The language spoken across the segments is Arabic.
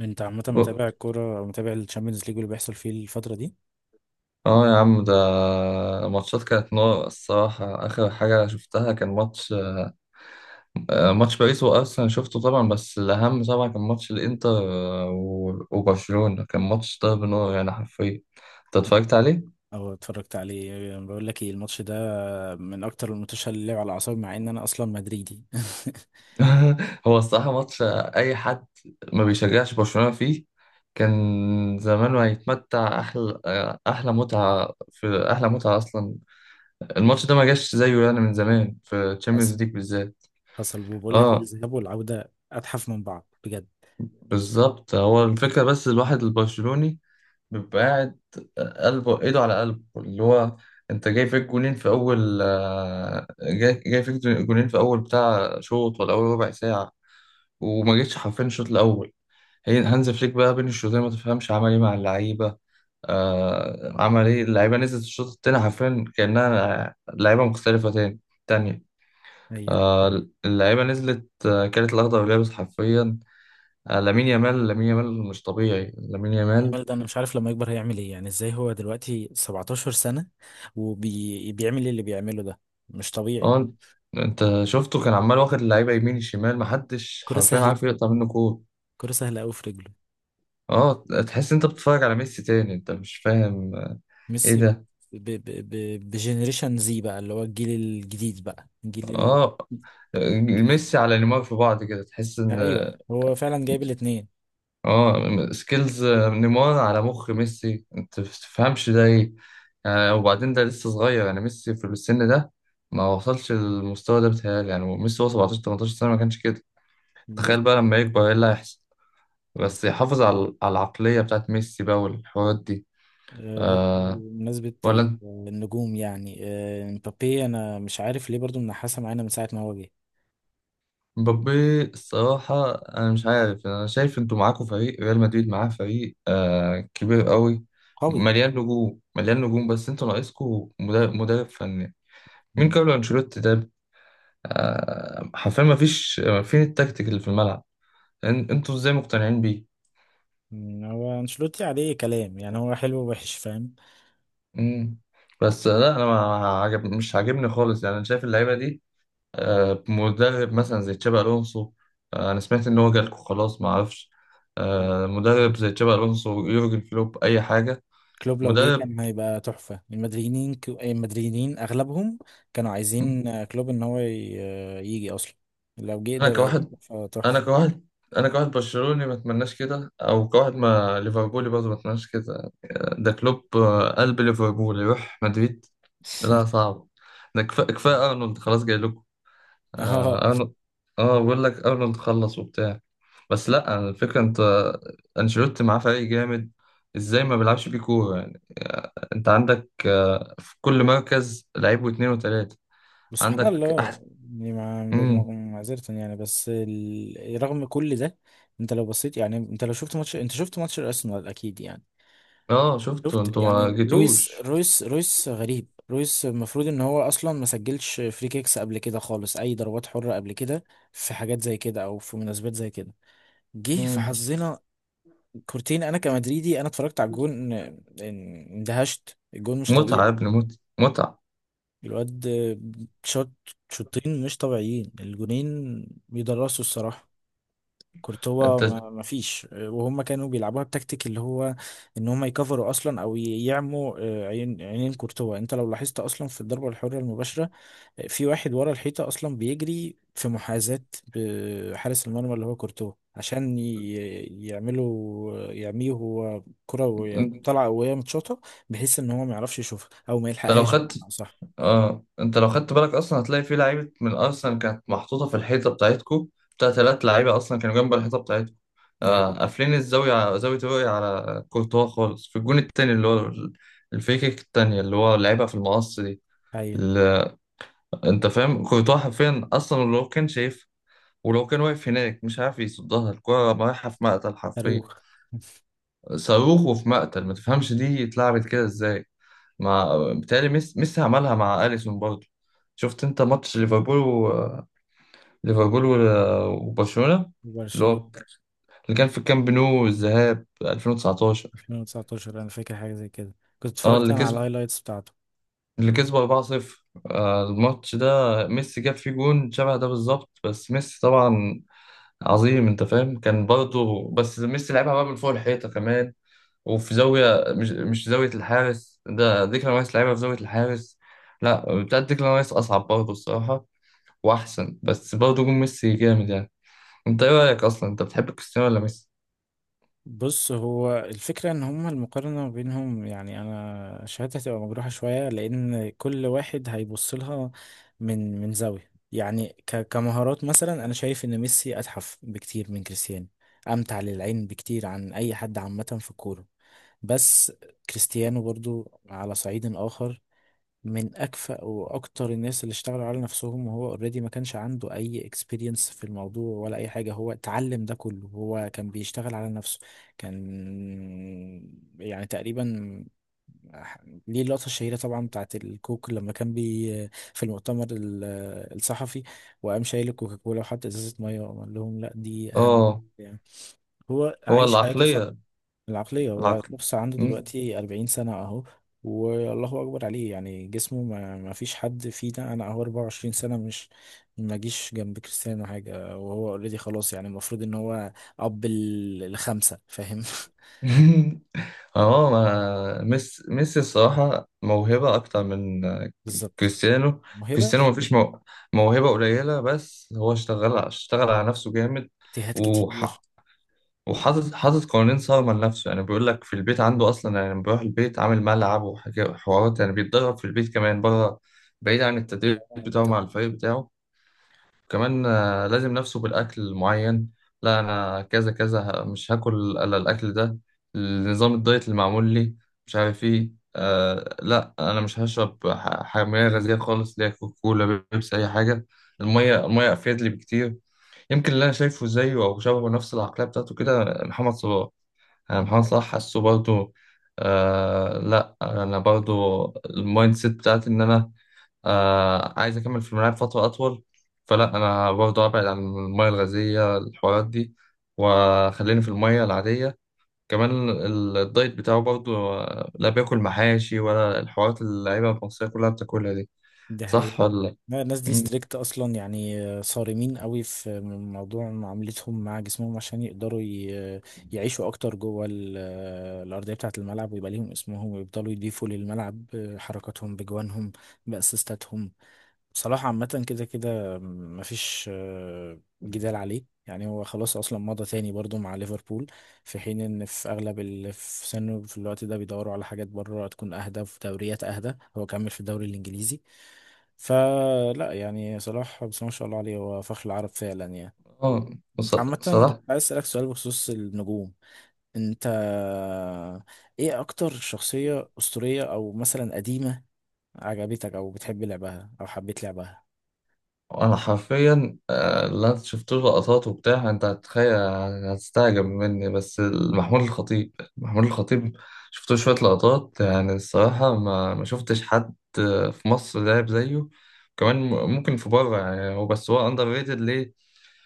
انت عامة اه، متابع الكورة او متابع الشامبيونز ليج واللي بيحصل فيه الفترة دي؟ يا عم ده ماتشات كانت نار الصراحة. آخر حاجة شفتها كان ماتش باريس وأرسنال شفته طبعا. بس الأهم طبعا كان ماتش الإنتر آه، و- وبرشلونة. كان ماتش ضرب نار يعني حرفيا. أنت اتفرجت عليه؟ او اتفرجت عليه؟ بقول لك ايه الماتش ده، من اكتر الماتشات اللي لعب على اعصابي مع ان انا اصلا مدريدي. هو الصراحة ماتش، أي حد ما بيشجعش برشلونة فيه كان زمانه هيتمتع أحلى متعة. في أحلى متعة أصلا. الماتش ده ما جاش زيه يعني من زمان في حصل تشامبيونز ليج بالذات. حصل وبقول لك ايه، اه، الذهاب والعودة اتحف من بعض بجد. بالظبط. هو الفكرة بس الواحد البرشلوني بيبقى قاعد قلبه، ايده على قلبه، اللي هو انت جاي فيك جولين في اول بتاع شوط ولا اول ربع ساعة. وما جيتش حرفيا الشوط الاول. هي هانز فليك بقى بين الشوطين ما تفهمش عمل ايه مع اللعيبة. عمل ايه اللعيبة؟ نزلت الشوط التاني حرفيا كأنها لعيبة مختلفة، تانية. ايوه. آه اللعيبة نزلت، كانت الأخضر واليابس حرفيا. لامين يامال، لامين يامال مش طبيعي. لامين يامال. الراجل ده انا مش عارف لما يكبر هيعمل ايه، يعني ازاي هو دلوقتي 17 سنة وبيعمل اللي بيعمله ده؟ مش طبيعي. اه، انت شفته كان عمال واخد اللعيبه يمين الشمال، محدش كرة حرفيا سهلة، عارف يقطع منه كوره. كرة سهلة قوي في رجله. اه، تحس انت بتتفرج على ميسي تاني، انت مش فاهم ايه ميسي. ده. ب ب ب بجنريشن زي بقى، اللي هو الجيل الجديد بقى، الجيل اه، ال... ميسي على نيمار في بعض كده، تحس ان ايوه هو فعلا جايب الاثنين. اه سكيلز نيمار على مخ ميسي، انت بتفهمش ده ايه. وبعدين ده لسه صغير يعني، ميسي في السن ده ما وصلش للمستوى ده بتهيألي. يعني ميسي هو 17 18 سنه ما كانش كده. تخيل بالظبط. بقى لما يكبر ايه اللي هيحصل، بس يحافظ على العقلية بتاعت ميسي بقى والحوارات دي. برضه آه بمناسبة ولا انت- النجوم يعني، مبابي انا مش عارف ليه برضه منحاسة معانا من ساعة ما هو جه. مبابي الصراحة أنا مش عارف. أنا شايف أنتوا معاكوا فريق ريال مدريد، معاه فريق كبير قوي، قوي. مليان نجوم، مليان نجوم، بس أنتوا ناقصكوا مدرب فني. مين مم. كارلو أنشيلوتي ده؟ حرفيا مفيش. فين التكتيك اللي في الملعب؟ أنتوا إزاي مقتنعين بيه؟ هو انشيلوتي عليه كلام، يعني هو حلو ووحش فاهم. مم. بس لا، أنا ما عجب مش عاجبني خالص يعني. أنا شايف اللعيبة دي مدرب مثلا زي تشابي الونسو. انا سمعت ان هو جالكوا خلاص ما اعرفش. مم. مدرب زي تشابي الونسو، يورجن كلوب، اي حاجه. كلوب لو جه مدرب. كان هيبقى تحفة. المدريدين، المدريدين اغلبهم كانوا مم. عايزين كلوب ان هو يجي اصلا. لو جه انا ده هيبقى كواحد تحفة انا تحفة. كواحد انا كواحد برشلوني ما اتمناش كده، او كواحد ما ليفربولي برضه ما اتمناش كده. ده كلوب، قلب ليفربول، يروح مدريد؟ لا، صعب. ده كفايه ارنولد خلاص جاي لكم. اه اه. أرن- بقول لك ارنولد خلص وبتاع. بس لا، الفكره انت انشيلوتي معاه فريق جامد، ازاي ما بيلعبش بيه كوره يعني. انت عندك في كل مركز لعيب واثنين وثلاثه. بس سبحان عندك الله. احسن. يعني مع امم. معذرة يعني، بس رغم كل ده انت لو بصيت، يعني انت لو شفت ماتش، انت شفت ماتش الارسنال اكيد، يعني اه، شفتوا شفت طبعا. انتوا ما يعني رويس جيتوش. رويس رويس غريب. رويس المفروض ان هو اصلا ما سجلش فري كيكس قبل كده خالص، اي ضربات حرة قبل كده، في حاجات زي كده او في مناسبات زي كده. جه في امم. حظنا كورتين. انا كمدريدي انا اتفرجت على الجون، اندهشت. الجون مش لا متعه يا طبيعي. ابني، متعه متعه. الواد شوت شوطين مش طبيعيين، الجونين بيدرسوا الصراحة. كورتوا انت ما فيش، وهم كانوا بيلعبوها بتكتيك اللي هو ان هم يكفروا اصلا او يعموا، عين، عينين كورتوا. انت لو لاحظت اصلا في الضربة الحرة المباشرة، في واحد ورا الحيطة اصلا بيجري في محاذاة بحارس المرمى اللي هو كورتوا، عشان يعملوا يعميه هو، كرة وهي انت طالعة وهي متشاطة بحيث ان هو ما يعرفش يشوفها او ما لو يلحقهاش خدت بمعنى صح. اه انت لو خدت بالك اصلا هتلاقي في لعيبه من ارسنال كانت محطوطه في الحيطه بتاعتكو، بتاع ثلاث لعيبه اصلا كانوا جنب الحيطه بتاعتكو. دي حقيقة. قافلين الزاويه، زاويه الرؤيه على كورتوا خالص. في الجون التاني اللي هو الفريكيك التانيه اللي هو لعبها في المقص دي. ايوه. ال- انت فاهم؟ كورتوا حرفيا اصلا لو كان شايف، ولو كان واقف هناك، مش عارف يصدها، الكره رايحه في مقتل حرفيا. صاروخ. صاروخ وفي مقتل، ما تفهمش دي اتلعبت كده ازاي. مع بتهيألي ميسي عملها مع أليسون برضه. شفت انت ماتش ليفربول و... ليفربول و... وبرشلونة، اللي برشلونة هو اللي كان في الكامب نو، الذهاب 2019. 2019، انا فاكر حاجه زي كده، كنت اه، اتفرجت انا اه على الهايلايتس بتاعته. اللي كسبوا 4-0. الماتش ده ميسي جاب فيه جون شبه ده بالظبط، بس ميسي طبعا عظيم انت فاهم. كان برضه بس ميسي لعبها بقى من فوق الحيطة كمان، وفي زاوية، مش زاوية الحارس. ده ديكلان رايس لعبها في زاوية الحارس. لا، بتاعت ديكلان رايس أصعب برضه الصراحة واحسن، بس برضه جون ميسي جامد يعني. انت ايه رايك اصلا، انت بتحب كريستيانو ولا ميسي؟ بص هو الفكره ان هما المقارنه ما بينهم، يعني انا شهادتي هتبقى مجروحه شويه، لان كل واحد هيبص لها من زاويه، يعني كمهارات مثلا انا شايف ان ميسي اتحف بكتير من كريستيانو، امتع للعين بكتير عن اي حد عامه في الكوره. بس كريستيانو برضو على صعيد اخر، من اكفأ واكتر الناس اللي اشتغلوا على نفسهم، وهو اوريدي ما كانش عنده اي اكسبيرينس في الموضوع ولا اي حاجه، هو اتعلم ده كله، هو كان بيشتغل على نفسه. كان يعني تقريبا، ليه اللقطة الشهيرة طبعا بتاعت الكوك لما كان بي في المؤتمر الصحفي وقام شايل الكوكاكولا وحط ازازة مية وقام قال لهم لا دي أهم. اه، يعني هو هو عايش حياته صح. العقليه. العقلية. هو العقل. بص عنده مم. دلوقتي 40 سنة أهو. والله أكبر عليه، يعني جسمه ما فيش حد فينا. أنا أهو 24 سنة مش ما جيش جنب كريستيانو حاجة، وهو أوريدي خلاص، يعني المفروض إن هو أب الخمسة، فاهم. اه، ما ميسي ميسي الصراحه موهبه اكتر من بالظبط. كريستيانو. موهبة. كريستيانو مفيش موهبه قليله، بس هو اشتغل على نفسه جامد. اجتهاد كتير. وحاطط قوانين صارمة لنفسه يعني. بيقول لك في البيت عنده أصلا يعني لما بيروح البيت عامل ملعب وحاجات وحوارات، يعني بيتدرب في البيت كمان بره، بعيد عن لا، التدريب بتاعه أنت. مع الفريق بتاعه. كمان لازم نفسه بالأكل معين. لا، أنا كذا كذا، مش هاكل إلا الأكل ده، النظام الدايت اللي معمول لي، مش عارف إيه. لا، أنا مش هشرب حمية غازية خالص، اللي هي كوكولا، بيبسي، أي حاجة. المية، المية أفيد لي بكتير. يمكن اللي أنا شايفه زيه أو شبهه نفس العقلية بتاعته كده محمد صلاح. انا محمد صلاح حاسه برضو. لا، انا برضو المايند سيت بتاعتي ان انا عايز اكمل في الملاعب فتره اطول. فلا، انا برضو ابعد عن الميه الغازيه، الحوارات دي، وخليني في الميه العاديه. كمان الدايت بتاعه برضو، لا بياكل محاشي ولا الحوارات اللي اللعيبه المصريه كلها بتاكلها دي. ده. صح ولا لا؟ لا، الناس دي مم. ستريكت اصلا، يعني صارمين قوي في موضوع معاملتهم مع جسمهم عشان يقدروا يعيشوا اكتر جوه الارضيه بتاعه الملعب، ويبقى ليهم اسمهم ويفضلوا يضيفوا للملعب حركاتهم بجوانهم، باسيستاتهم. بصراحة عامة كده كده مفيش جدال عليه، يعني هو خلاص أصلا مضى تاني برضو مع ليفربول، في حين إن في أغلب اللي في سنه في الوقت ده بيدوروا على حاجات بره تكون أهدى، في دوريات أهدى. هو كمل في الدوري الإنجليزي. فلا يعني صلاح بس، ما شاء الله عليه هو فخر العرب فعلا يعني. و- اه، ص- انت عامة كنت صلاح. عايز اسألك سؤال بخصوص النجوم. انت ايه اكتر شخصية اسطورية او مثلا قديمة عجبتك او بتحب لعبها او حبيت لعبها؟ انا حرفيا اللي انا شفت له لقطات وبتاع، انت هتتخيل، هتستعجب مني، بس محمود الخطيب. محمود الخطيب شفت له شويه لقطات يعني. الصراحه، ما شفتش حد في مصر لعب زيه، كمان ممكن في بره يعني. هو بس هو اندر ريتد ليه؟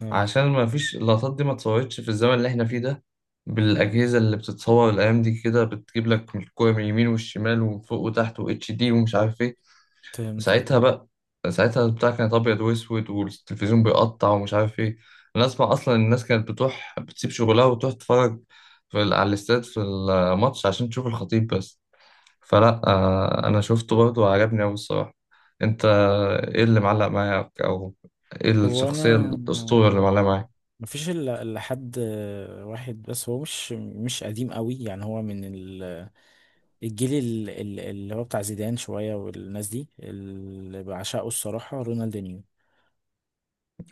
اه، عشان ما فيش اللقطات دي، ما اتصورتش في الزمن اللي احنا فيه ده بالاجهزه اللي بتتصور الايام دي كده، بتجيب لك الكوره من اليمين والشمال، ومن فوق وتحت، واتش دي ومش عارف ايه. فهمت أيوة. ساعتها بقى ساعتها البتاع كانت ابيض واسود، والتلفزيون بيقطع ومش عارف ايه. انا اسمع اصلا الناس كانت بتروح بتسيب شغلها وتروح تتفرج على الاستاد في الماتش عشان تشوف الخطيب بس. فلا انا شفته برضه وعجبني قوي الصراحه. انت ايه اللي معلق معاك، او ايه هو انا الشخصيه الاسطوره اللي معلقه معاك؟ مفيش الا إلا حد واحد بس، هو مش قديم قوي يعني، هو من الجيل اللي هو بتاع زيدان شوية، والناس دي اللي بعشقه الصراحة رونالدينيو.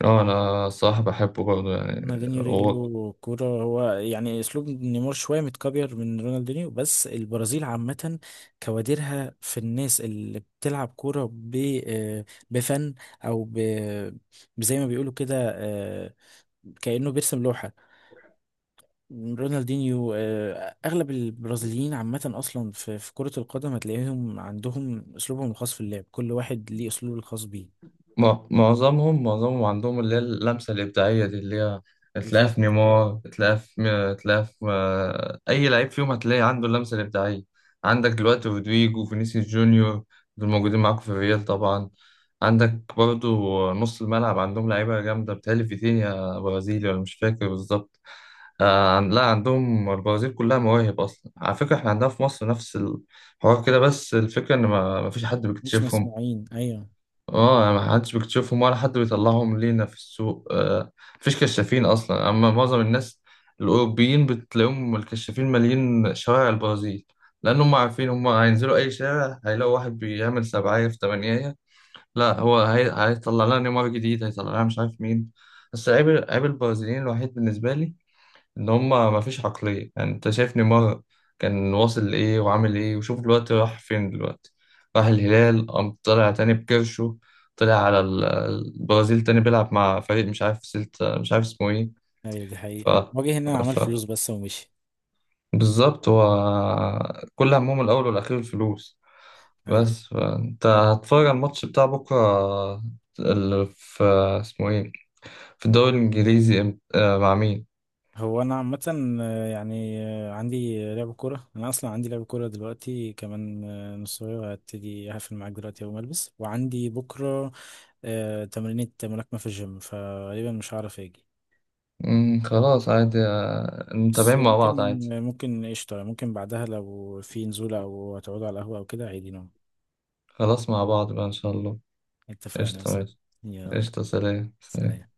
اه، انا الصراحه بحبه برضه يعني رونالدينيو هو. رجله كورة هو، يعني اسلوب نيمار شوية متكبر من رونالدينيو. بس البرازيل عامة كوادرها في الناس اللي بتلعب كورة بفن، او زي ما بيقولوا كده كأنه بيرسم لوحة. رونالدينيو. أغلب البرازيليين عامة أصلا في كرة القدم هتلاقيهم عندهم أسلوبهم الخاص في اللعب، كل واحد ليه أسلوبه الخاص بيه. معظمهم عندهم اللي هي اللمسة الإبداعية دي، اللي هي تلاقيها بالظبط. في نيمار، تلاقيها في أي لعيب فيهم هتلاقي عنده اللمسة الإبداعية. عندك دلوقتي يعني رودريجو، فينيسيوس جونيور، دول موجودين معاكم في الريال طبعا. عندك برضو نص الملعب عندهم لعيبة جامدة، بتهيألي فيتينيا برازيلي ولا مش فاكر بالظبط. لا، عندهم البرازيل كلها مواهب أصلا. على فكرة إحنا عندنا في مصر نفس الحوار كده، بس الفكرة إن ما فيش حد مش بيكتشفهم. مسموعين. أيوه. اه، يعني ما حدش بيكتشفهم، ولا حد بيطلعهم لينا في السوق. مفيش كشافين اصلا. اما معظم الناس الاوروبيين بتلاقيهم الكشافين مالين شوارع البرازيل، لان هم عارفين هم هينزلوا اي شارع هيلاقوا واحد بيعمل سبعية في تمانية. لا، هيطلع لنا نيمار جديد، هيطلع لنا مش عارف مين. بس عيب البرازيليين الوحيد بالنسبة لي، ان هما ما فيش عقلية يعني. انت شايف نيمار كان واصل لايه وعامل ايه، وشوف دلوقتي راح فين. دلوقتي راح الهلال، قام طلع تاني بكرشه، طلع على البرازيل تاني بيلعب مع فريق مش عارف سلت، مش عارف اسمه ايه. أيوه، دي ف, حقيقة، وجه هنا عمل ف... فلوس بس ومشي. بالظبط. هو كل همهم الاول والاخير الفلوس. أيوه. بس فانت هتتفرج على الماتش بتاع بكره، اللي في اسمه ايه، في الدوري الانجليزي، مع مين؟ هو أنا عامة يعني عندي لعب كورة، أنا أصلا عندي لعب كورة دلوقتي، كمان نص ساعة هبتدي، هقفل معاك دلوقتي أول ما ألبس، وعندي بكرة تمرينة ملاكمة في الجيم، فغالبا مش هعرف أجي. مم، خلاص عادي. بس متابعين مع ممكن بعض عادي. ممكن قشطة، ممكن بعدها لو في نزولة أو هتقعدوا على القهوة أو كده عادي نوم. خلاص، مع بعض بقى إن شاء الله. اتفقنا يا قشطة، صاحبي. ماشي. يلا، قشطة، سلام، سلام. سلام.